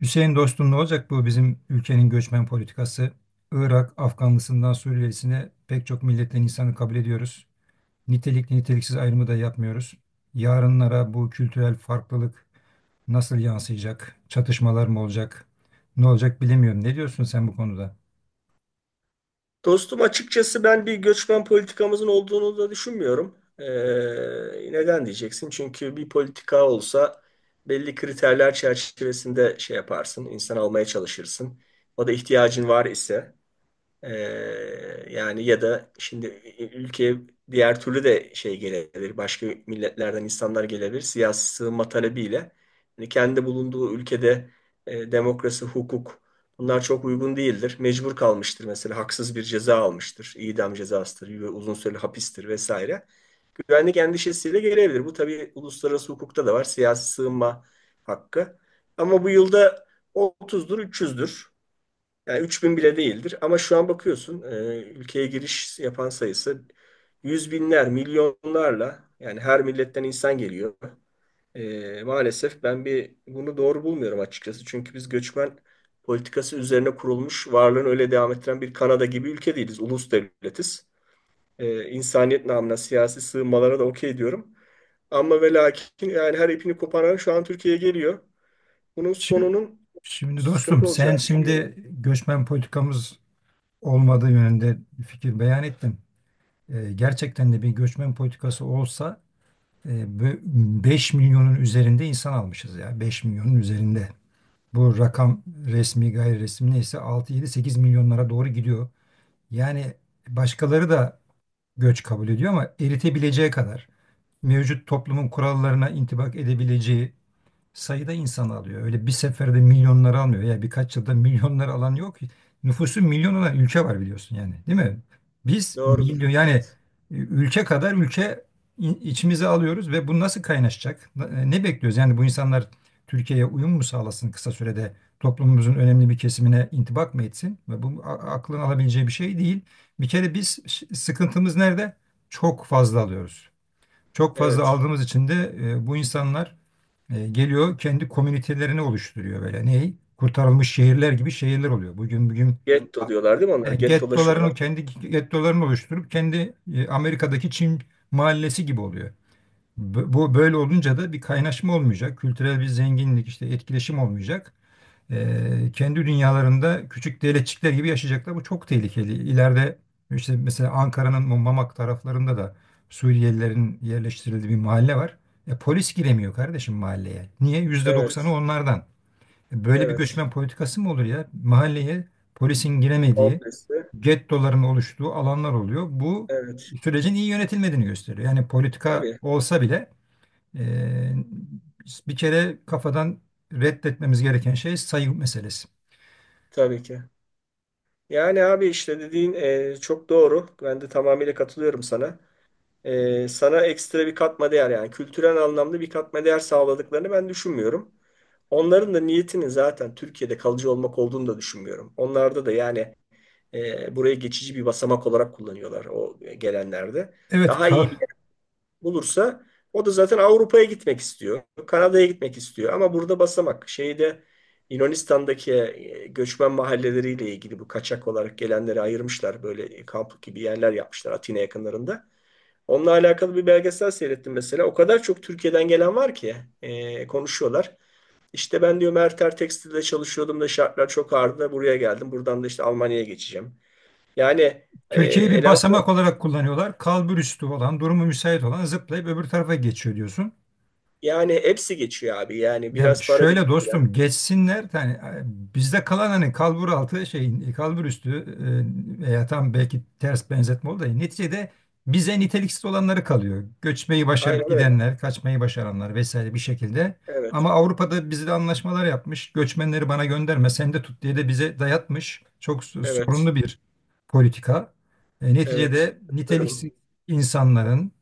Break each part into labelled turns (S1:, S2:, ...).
S1: Hüseyin dostum ne olacak bu bizim ülkenin göçmen politikası? Irak, Afganlısından Suriyelisine pek çok milletten insanı kabul ediyoruz. Nitelikli niteliksiz ayrımı da yapmıyoruz. Yarınlara bu kültürel farklılık nasıl yansıyacak? Çatışmalar mı olacak? Ne olacak bilemiyorum. Ne diyorsun sen bu konuda?
S2: Dostum, açıkçası ben bir göçmen politikamızın olduğunu da düşünmüyorum. Neden diyeceksin? Çünkü bir politika olsa belli kriterler çerçevesinde şey yaparsın, insan almaya çalışırsın. O da ihtiyacın var ise. Ee, Yani ya da şimdi ülkeye diğer türlü de şey gelebilir. Başka milletlerden insanlar gelebilir. Siyasi sığınma talebiyle. Yani kendi bulunduğu ülkede demokrasi, hukuk bunlar çok uygun değildir. Mecbur kalmıştır, mesela haksız bir ceza almıştır. İdam cezasıdır, uzun süreli hapistir vesaire. Güvenlik endişesiyle gelebilir. Bu tabii uluslararası hukukta da var. Siyasi sığınma hakkı. Ama bu yılda 30'dur, 300'dür. Yani 3.000 bile değildir ama şu an bakıyorsun ülkeye giriş yapan sayısı yüz binler, milyonlarla, yani her milletten insan geliyor. Maalesef ben bir bunu doğru bulmuyorum açıkçası. Çünkü biz göçmen politikası üzerine kurulmuş, varlığını öyle devam ettiren bir Kanada gibi ülke değiliz. Ulus devletiz. İnsaniyet namına siyasi sığınmalara da okey diyorum. Ama ve lakin yani her ipini koparan şu an Türkiye'ye geliyor. Bunun
S1: Şimdi,
S2: sonunun
S1: şimdi dostum
S2: sıkıntı
S1: sen
S2: olacağını düşünüyorum.
S1: şimdi göçmen politikamız olmadığı yönünde fikir beyan ettin. Gerçekten de bir göçmen politikası olsa. E, bu 5 milyonun üzerinde insan almışız ya, 5 milyonun üzerinde. Bu rakam resmi gayri resmi neyse 6, 7, 8 milyonlara doğru gidiyor. Yani başkaları da göç kabul ediyor ama eritebileceği kadar, mevcut toplumun kurallarına intibak edebileceği sayıda insan alıyor. Öyle bir seferde milyonları almıyor. Ya birkaç yılda milyonları alan yok. Nüfusu milyon olan ülke var biliyorsun yani, değil mi? Biz
S2: Doğrudur.
S1: milyon yani
S2: Evet.
S1: ülke kadar ülke içimize alıyoruz ve bu nasıl kaynaşacak? Ne bekliyoruz? Yani bu insanlar Türkiye'ye uyum mu sağlasın kısa sürede? Toplumumuzun önemli bir kesimine intibak mı etsin? Ve bu aklın alabileceği bir şey değil. Bir kere biz, sıkıntımız nerede? Çok fazla alıyoruz. Çok fazla
S2: Evet.
S1: aldığımız için de bu insanlar geliyor, kendi komünitelerini oluşturuyor böyle. Ney? Kurtarılmış şehirler gibi şehirler oluyor. Bugün
S2: Getto diyorlar değil mi onlar?
S1: e,
S2: Gettolaşıyorlar.
S1: gettolarını kendi gettolarını oluşturup, kendi Amerika'daki Çin mahallesi gibi oluyor. Bu böyle olunca da bir kaynaşma olmayacak, kültürel bir zenginlik, işte etkileşim olmayacak, kendi dünyalarında küçük devletçikler gibi yaşayacaklar. Bu çok tehlikeli. İleride işte mesela Ankara'nın bu Mamak taraflarında da Suriyelilerin yerleştirildiği bir mahalle var. Polis giremiyor kardeşim mahalleye. Niye? %90'ı
S2: Evet,
S1: onlardan. Böyle bir
S2: evet.
S1: göçmen politikası mı olur ya? Mahalleye polisin giremediği,
S2: Komplesi.
S1: gettoların oluştuğu alanlar oluyor. Bu
S2: Evet.
S1: sürecin iyi yönetilmediğini gösteriyor. Yani politika
S2: Tabii,
S1: olsa bile, e, bir kere kafadan reddetmemiz gereken şey sayı meselesi.
S2: tabii ki. Yani abi, işte dediğin çok doğru. Ben de tamamıyla katılıyorum sana. Sana ekstra bir katma değer, yani kültürel anlamda bir katma değer sağladıklarını ben düşünmüyorum. Onların da niyetinin zaten Türkiye'de kalıcı olmak olduğunu da düşünmüyorum. Onlarda da yani burayı geçici bir basamak olarak kullanıyorlar, o gelenlerde.
S1: Evet,
S2: Daha
S1: kal.
S2: iyi bir bulursa o da zaten Avrupa'ya gitmek istiyor. Kanada'ya gitmek istiyor. Ama burada basamak. Şeyde Yunanistan'daki göçmen mahalleleriyle ilgili bu kaçak olarak gelenleri ayırmışlar. Böyle kamp gibi yerler yapmışlar Atina yakınlarında. Onunla alakalı bir belgesel seyrettim mesela. O kadar çok Türkiye'den gelen var ki konuşuyorlar. İşte ben diyor Merter Tekstil'de çalışıyordum da şartlar çok ağırdı da buraya geldim. Buradan da işte Almanya'ya geçeceğim. Yani
S1: Türkiye'yi bir
S2: eleman,
S1: basamak olarak kullanıyorlar. Kalburüstü olan, durumu müsait olan zıplayıp öbür tarafa geçiyor diyorsun.
S2: yani hepsi geçiyor abi. Yani
S1: Ya
S2: biraz para
S1: şöyle
S2: biriktiren.
S1: dostum, geçsinler yani, bizde kalan hani kalbur altı şey, kalbur üstü veya tam, belki ters benzetme oldu da neticede bize niteliksiz olanları kalıyor. Göçmeyi başarıp
S2: Aynen öyle.
S1: gidenler, kaçmayı başaranlar vesaire bir şekilde.
S2: Evet,
S1: Ama Avrupa'da bizle anlaşmalar yapmış. Göçmenleri bana gönderme, sen de tut diye de bize dayatmış. Çok
S2: evet,
S1: sorunlu bir politika.
S2: evet.
S1: Neticede
S2: Katılıyorum.
S1: niteliksiz insanların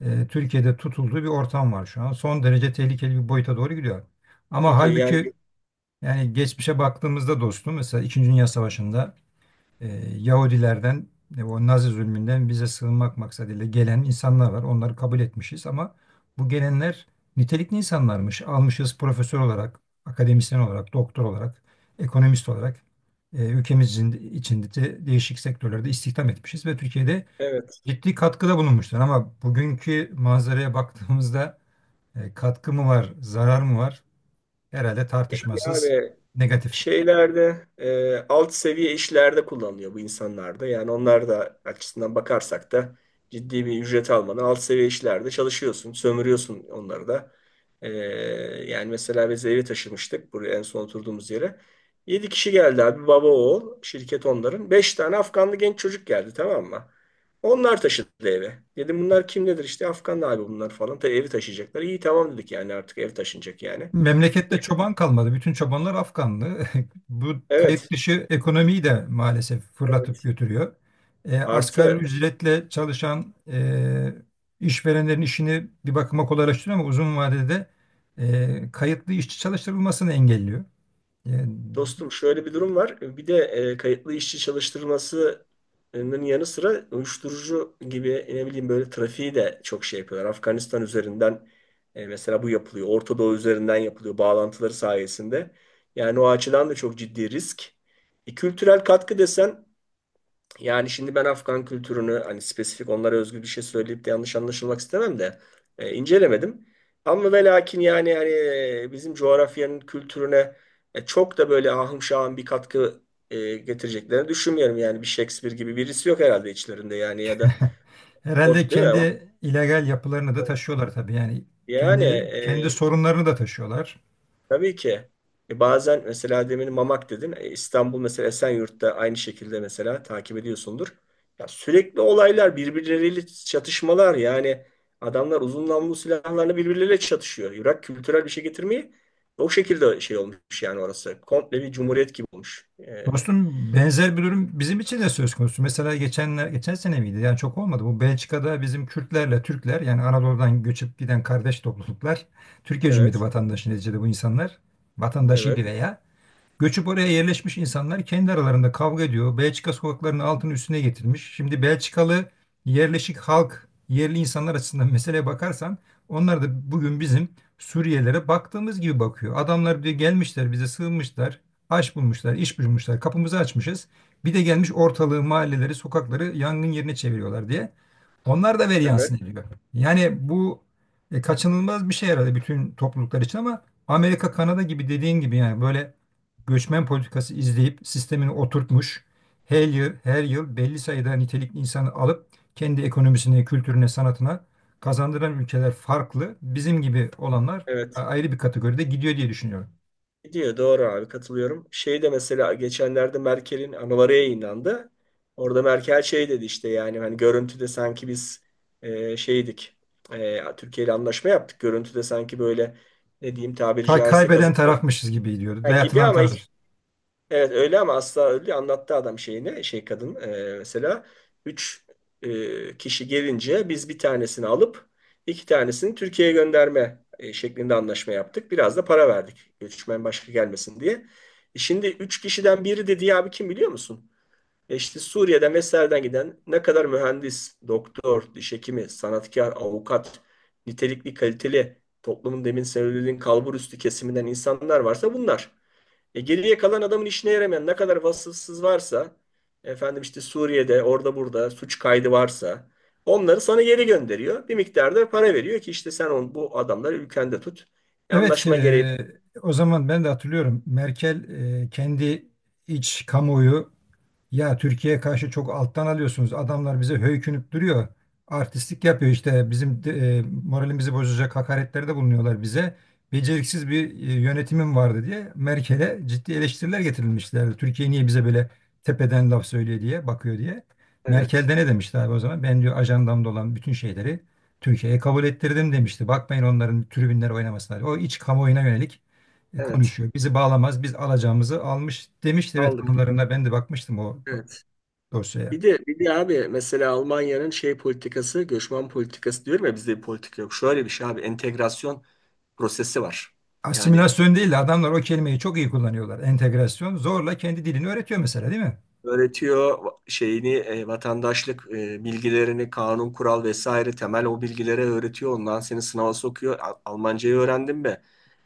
S1: Türkiye'de tutulduğu bir ortam var şu an. Son derece tehlikeli bir boyuta doğru gidiyor. Ama
S2: Gidiyor
S1: halbuki
S2: yani.
S1: yani, geçmişe baktığımızda dostum, mesela İkinci Dünya Savaşı'nda e, Yahudilerden, o Nazi zulmünden bize sığınmak maksadıyla gelen insanlar var. Onları kabul etmişiz ama bu gelenler nitelikli insanlarmış. Almışız, profesör olarak, akademisyen olarak, doktor olarak, ekonomist olarak, ülkemizin içinde de değişik sektörlerde istihdam etmişiz ve Türkiye'de
S2: Evet.
S1: ciddi katkıda bulunmuşlar. Ama bugünkü manzaraya baktığımızda katkı mı var, zarar mı var? Herhalde
S2: Yani
S1: tartışmasız
S2: abi,
S1: negatif.
S2: şeylerde alt seviye işlerde kullanılıyor bu insanlarda. Yani onlar da açısından bakarsak da ciddi bir ücret almadan alt seviye işlerde çalışıyorsun, sömürüyorsun onları da. E, Yani mesela biz evi taşımıştık buraya, en son oturduğumuz yere. 7 kişi geldi abi, baba oğul şirket onların. 5 tane Afganlı genç çocuk geldi, tamam mı? Onlar taşıdı eve. Dedim bunlar kim nedir, işte Afganlı abi bunlar falan. Tabii evi taşıyacaklar. İyi, tamam dedik, yani artık ev taşınacak yani.
S1: Memlekette çoban kalmadı. Bütün çobanlar Afganlı. Bu
S2: Evet.
S1: kayıt dışı ekonomiyi de maalesef fırlatıp
S2: Evet.
S1: götürüyor. Asgari
S2: Artı
S1: ücretle çalışan işverenlerin işini bir bakıma kolaylaştırıyor ama uzun vadede kayıtlı işçi çalıştırılmasını engelliyor. E,
S2: Dostum, şöyle bir durum var. Bir de kayıtlı işçi çalıştırmasının yanı sıra uyuşturucu gibi, ne bileyim, böyle trafiği de çok şey yapıyorlar. Afganistan üzerinden mesela bu yapılıyor. Orta Doğu üzerinden yapılıyor bağlantıları sayesinde. Yani o açıdan da çok ciddi risk. Kültürel katkı desen, yani şimdi ben Afgan kültürünü, hani spesifik onlara özgü bir şey söyleyip de yanlış anlaşılmak istemem de incelemedim. Ama ve lakin yani hani bizim coğrafyanın kültürüne çok da böyle ahım şahım bir katkı getireceklerini düşünmüyorum. Yani bir Shakespeare gibi birisi yok herhalde içlerinde, yani ya da
S1: Herhalde
S2: Değil mi?
S1: kendi illegal yapılarını da taşıyorlar tabii. Yani
S2: Yani
S1: kendi sorunlarını da taşıyorlar.
S2: tabii ki. Bazen mesela demin Mamak dedin. İstanbul mesela Esenyurt'ta aynı şekilde mesela takip ediyorsundur. Ya sürekli olaylar, birbirleriyle çatışmalar, yani adamlar uzun namlulu silahlarla birbirleriyle çatışıyor. Irak kültürel bir şey getirmeyi o şekilde şey olmuş yani orası. Komple bir cumhuriyet gibi olmuş.
S1: Dostum benzer bir durum bizim için de söz konusu. Mesela geçen sene miydi? Yani çok olmadı. Bu Belçika'da bizim Kürtlerle Türkler, yani Anadolu'dan göçüp giden kardeş topluluklar, Türkiye Cumhuriyeti
S2: Evet,
S1: vatandaşı neticede bu insanlar, vatandaşıydı
S2: evet,
S1: veya göçüp oraya yerleşmiş insanlar kendi aralarında kavga ediyor. Belçika sokaklarının altını üstüne getirmiş. Şimdi Belçikalı yerleşik halk, yerli insanlar açısından meseleye bakarsan, onlar da bugün bizim Suriyelilere baktığımız gibi bakıyor. Adamlar diyor, gelmişler bize sığınmışlar, aş bulmuşlar, iş bulmuşlar, kapımızı açmışız. Bir de gelmiş ortalığı, mahalleleri, sokakları yangın yerine çeviriyorlar diye. Onlar da veri
S2: evet,
S1: yansın ediyor. Yani bu kaçınılmaz bir şey herhalde bütün topluluklar için ama Amerika, Kanada gibi, dediğin gibi yani böyle göçmen politikası izleyip sistemini oturtmuş, her yıl, her yıl belli sayıda nitelikli insanı alıp kendi ekonomisine, kültürüne, sanatına kazandıran ülkeler farklı. Bizim gibi olanlar
S2: evet.
S1: ayrı bir kategoride gidiyor diye düşünüyorum.
S2: Gidiyor doğru abi, katılıyorum. Şey de, mesela geçenlerde Merkel'in anıları yayınlandı. Orada Merkel şey dedi, işte yani hani görüntüde sanki biz şeydik. Türkiye ile anlaşma yaptık. Görüntüde sanki böyle, ne diyeyim, tabiri caizse
S1: Kaybeden
S2: kazık
S1: tarafmışız gibi gidiyordu.
S2: gibi
S1: Dayatılan
S2: ama hiç.
S1: tarafmışız.
S2: Evet, öyle ama asla öyle anlattı adam şeyini, şey kadın mesela 3 kişi gelince biz bir tanesini alıp 2 tanesini Türkiye'ye gönderme şeklinde anlaşma yaptık. Biraz da para verdik göçmen başka gelmesin diye. Şimdi 3 kişiden biri dedi ya abi, kim biliyor musun? İşte Suriye'den vesaireden giden ne kadar mühendis, doktor, diş hekimi, sanatkar, avukat, nitelikli, kaliteli, toplumun demin söylediğin kalbur üstü kesiminden insanlar varsa bunlar. Geriye kalan, adamın işine yaramayan ne kadar vasıfsız varsa, efendim işte Suriye'de orada burada suç kaydı varsa, onları sana geri gönderiyor. Bir miktarda para veriyor ki işte sen bu adamları ülkende tut.
S1: Evet,
S2: Anlaşma gereği.
S1: o zaman ben de hatırlıyorum. Merkel, kendi iç kamuoyu, ya Türkiye'ye karşı çok alttan alıyorsunuz. Adamlar bize höykünüp duruyor. Artistlik yapıyor işte. Bizim moralimizi bozacak hakaretlerde bulunuyorlar bize. Beceriksiz bir yönetimim vardı diye Merkel'e ciddi eleştiriler getirilmişlerdi. Türkiye niye bize böyle tepeden laf söylüyor diye, bakıyor diye. Merkel
S2: Evet.
S1: de ne demişti abi o zaman? Ben diyor ajandamda olan bütün şeyleri Türkiye'ye kabul ettirdim demişti. Bakmayın onların tribünler oynamasına. O iç kamuoyuna yönelik
S2: Evet.
S1: konuşuyor. Bizi bağlamaz, biz alacağımızı almış demişti. Evet,
S2: Aldık.
S1: anılarına ben de bakmıştım o
S2: Evet.
S1: dosyaya.
S2: Bir de abi, mesela Almanya'nın şey politikası, göçmen politikası diyorum ya, bizde bir politika yok. Şöyle bir şey abi, entegrasyon prosesi var. Yani
S1: Asimilasyon değil de adamlar o kelimeyi çok iyi kullanıyorlar. Entegrasyon zorla kendi dilini öğretiyor mesela, değil mi?
S2: öğretiyor şeyini vatandaşlık bilgilerini, kanun, kural vesaire temel o bilgilere öğretiyor. Ondan seni sınava sokuyor. Al- Almancayı öğrendin mi?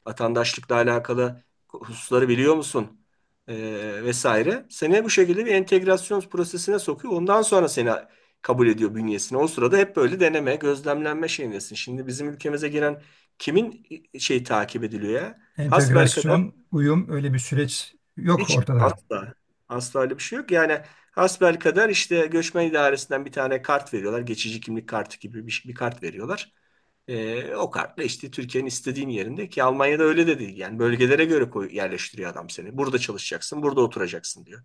S2: Vatandaşlıkla alakalı hususları biliyor musun? E, vesaire. Seni bu şekilde bir entegrasyon prosesine sokuyor. Ondan sonra seni kabul ediyor bünyesine. O sırada hep böyle deneme, gözlemlenme şeyindesin. Şimdi bizim ülkemize giren kimin şey takip ediliyor ya?
S1: Entegrasyon, uyum, öyle bir süreç yok
S2: Hiç,
S1: ortada.
S2: asla. Asla öyle bir şey yok. Yani hasbelkader işte göçmen idaresinden bir tane kart veriyorlar. Geçici kimlik kartı gibi bir kart veriyorlar. O kartla işte Türkiye'nin istediğin yerinde, ki Almanya'da öyle de değil. Yani bölgelere göre koy, yerleştiriyor adam seni. Burada çalışacaksın, burada oturacaksın diyor.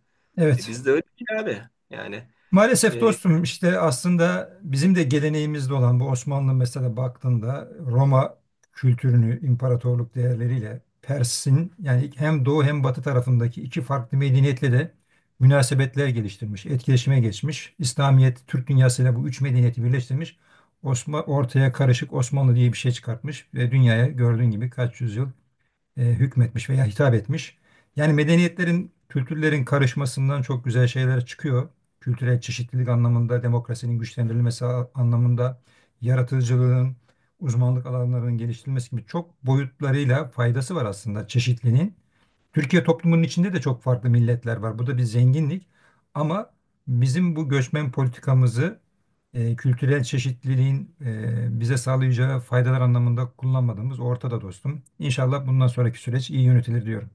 S1: Evet.
S2: Bizde öyle değil abi. Yani
S1: Maalesef
S2: e,
S1: dostum işte, aslında bizim de geleneğimizde olan bu, Osmanlı mesela baktığında Roma kültürünü, imparatorluk değerleriyle Pers'in, yani hem doğu hem batı tarafındaki iki farklı medeniyetle de münasebetler geliştirmiş, etkileşime geçmiş. İslamiyet, Türk dünyasıyla bu üç medeniyeti birleştirmiş. Ortaya karışık Osmanlı diye bir şey çıkartmış ve dünyaya gördüğün gibi kaç yüzyıl hükmetmiş veya hitap etmiş. Yani medeniyetlerin, kültürlerin karışmasından çok güzel şeyler çıkıyor. Kültürel çeşitlilik anlamında, demokrasinin güçlendirilmesi anlamında, yaratıcılığın, uzmanlık alanlarının geliştirilmesi gibi çok boyutlarıyla faydası var aslında çeşitliliğin. Türkiye toplumunun içinde de çok farklı milletler var. Bu da bir zenginlik. Ama bizim bu göçmen politikamızı kültürel çeşitliliğin bize sağlayacağı faydalar anlamında kullanmadığımız ortada dostum. İnşallah bundan sonraki süreç iyi yönetilir diyorum.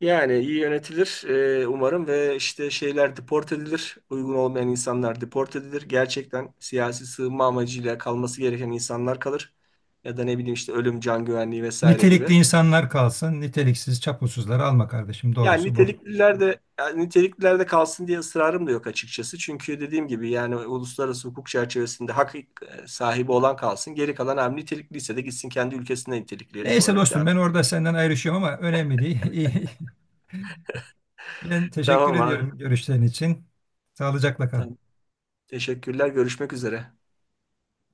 S2: yani iyi yönetilir umarım ve işte şeyler deport edilir. Uygun olmayan insanlar deport edilir. Gerçekten siyasi sığınma amacıyla kalması gereken insanlar kalır. Ya da ne bileyim, işte ölüm, can güvenliği vesaire gibi.
S1: Nitelikli insanlar kalsın, niteliksiz çapulsuzları alma kardeşim.
S2: Yani
S1: Doğrusu bu.
S2: nitelikliler de, yani nitelikliler de kalsın diye ısrarım da yok açıkçası. Çünkü dediğim gibi yani uluslararası hukuk çerçevesinde hak sahibi olan kalsın. Geri kalan hem nitelikliyse de gitsin kendi ülkesinde nitelikli
S1: Neyse
S2: olarak
S1: dostum,
S2: devam.
S1: ben orada senden ayrışıyorum ama önemli değil. Ben teşekkür
S2: Tamam abi.
S1: ediyorum görüşlerin için. Sağlıcakla kal.
S2: Tamam. Teşekkürler. Görüşmek üzere.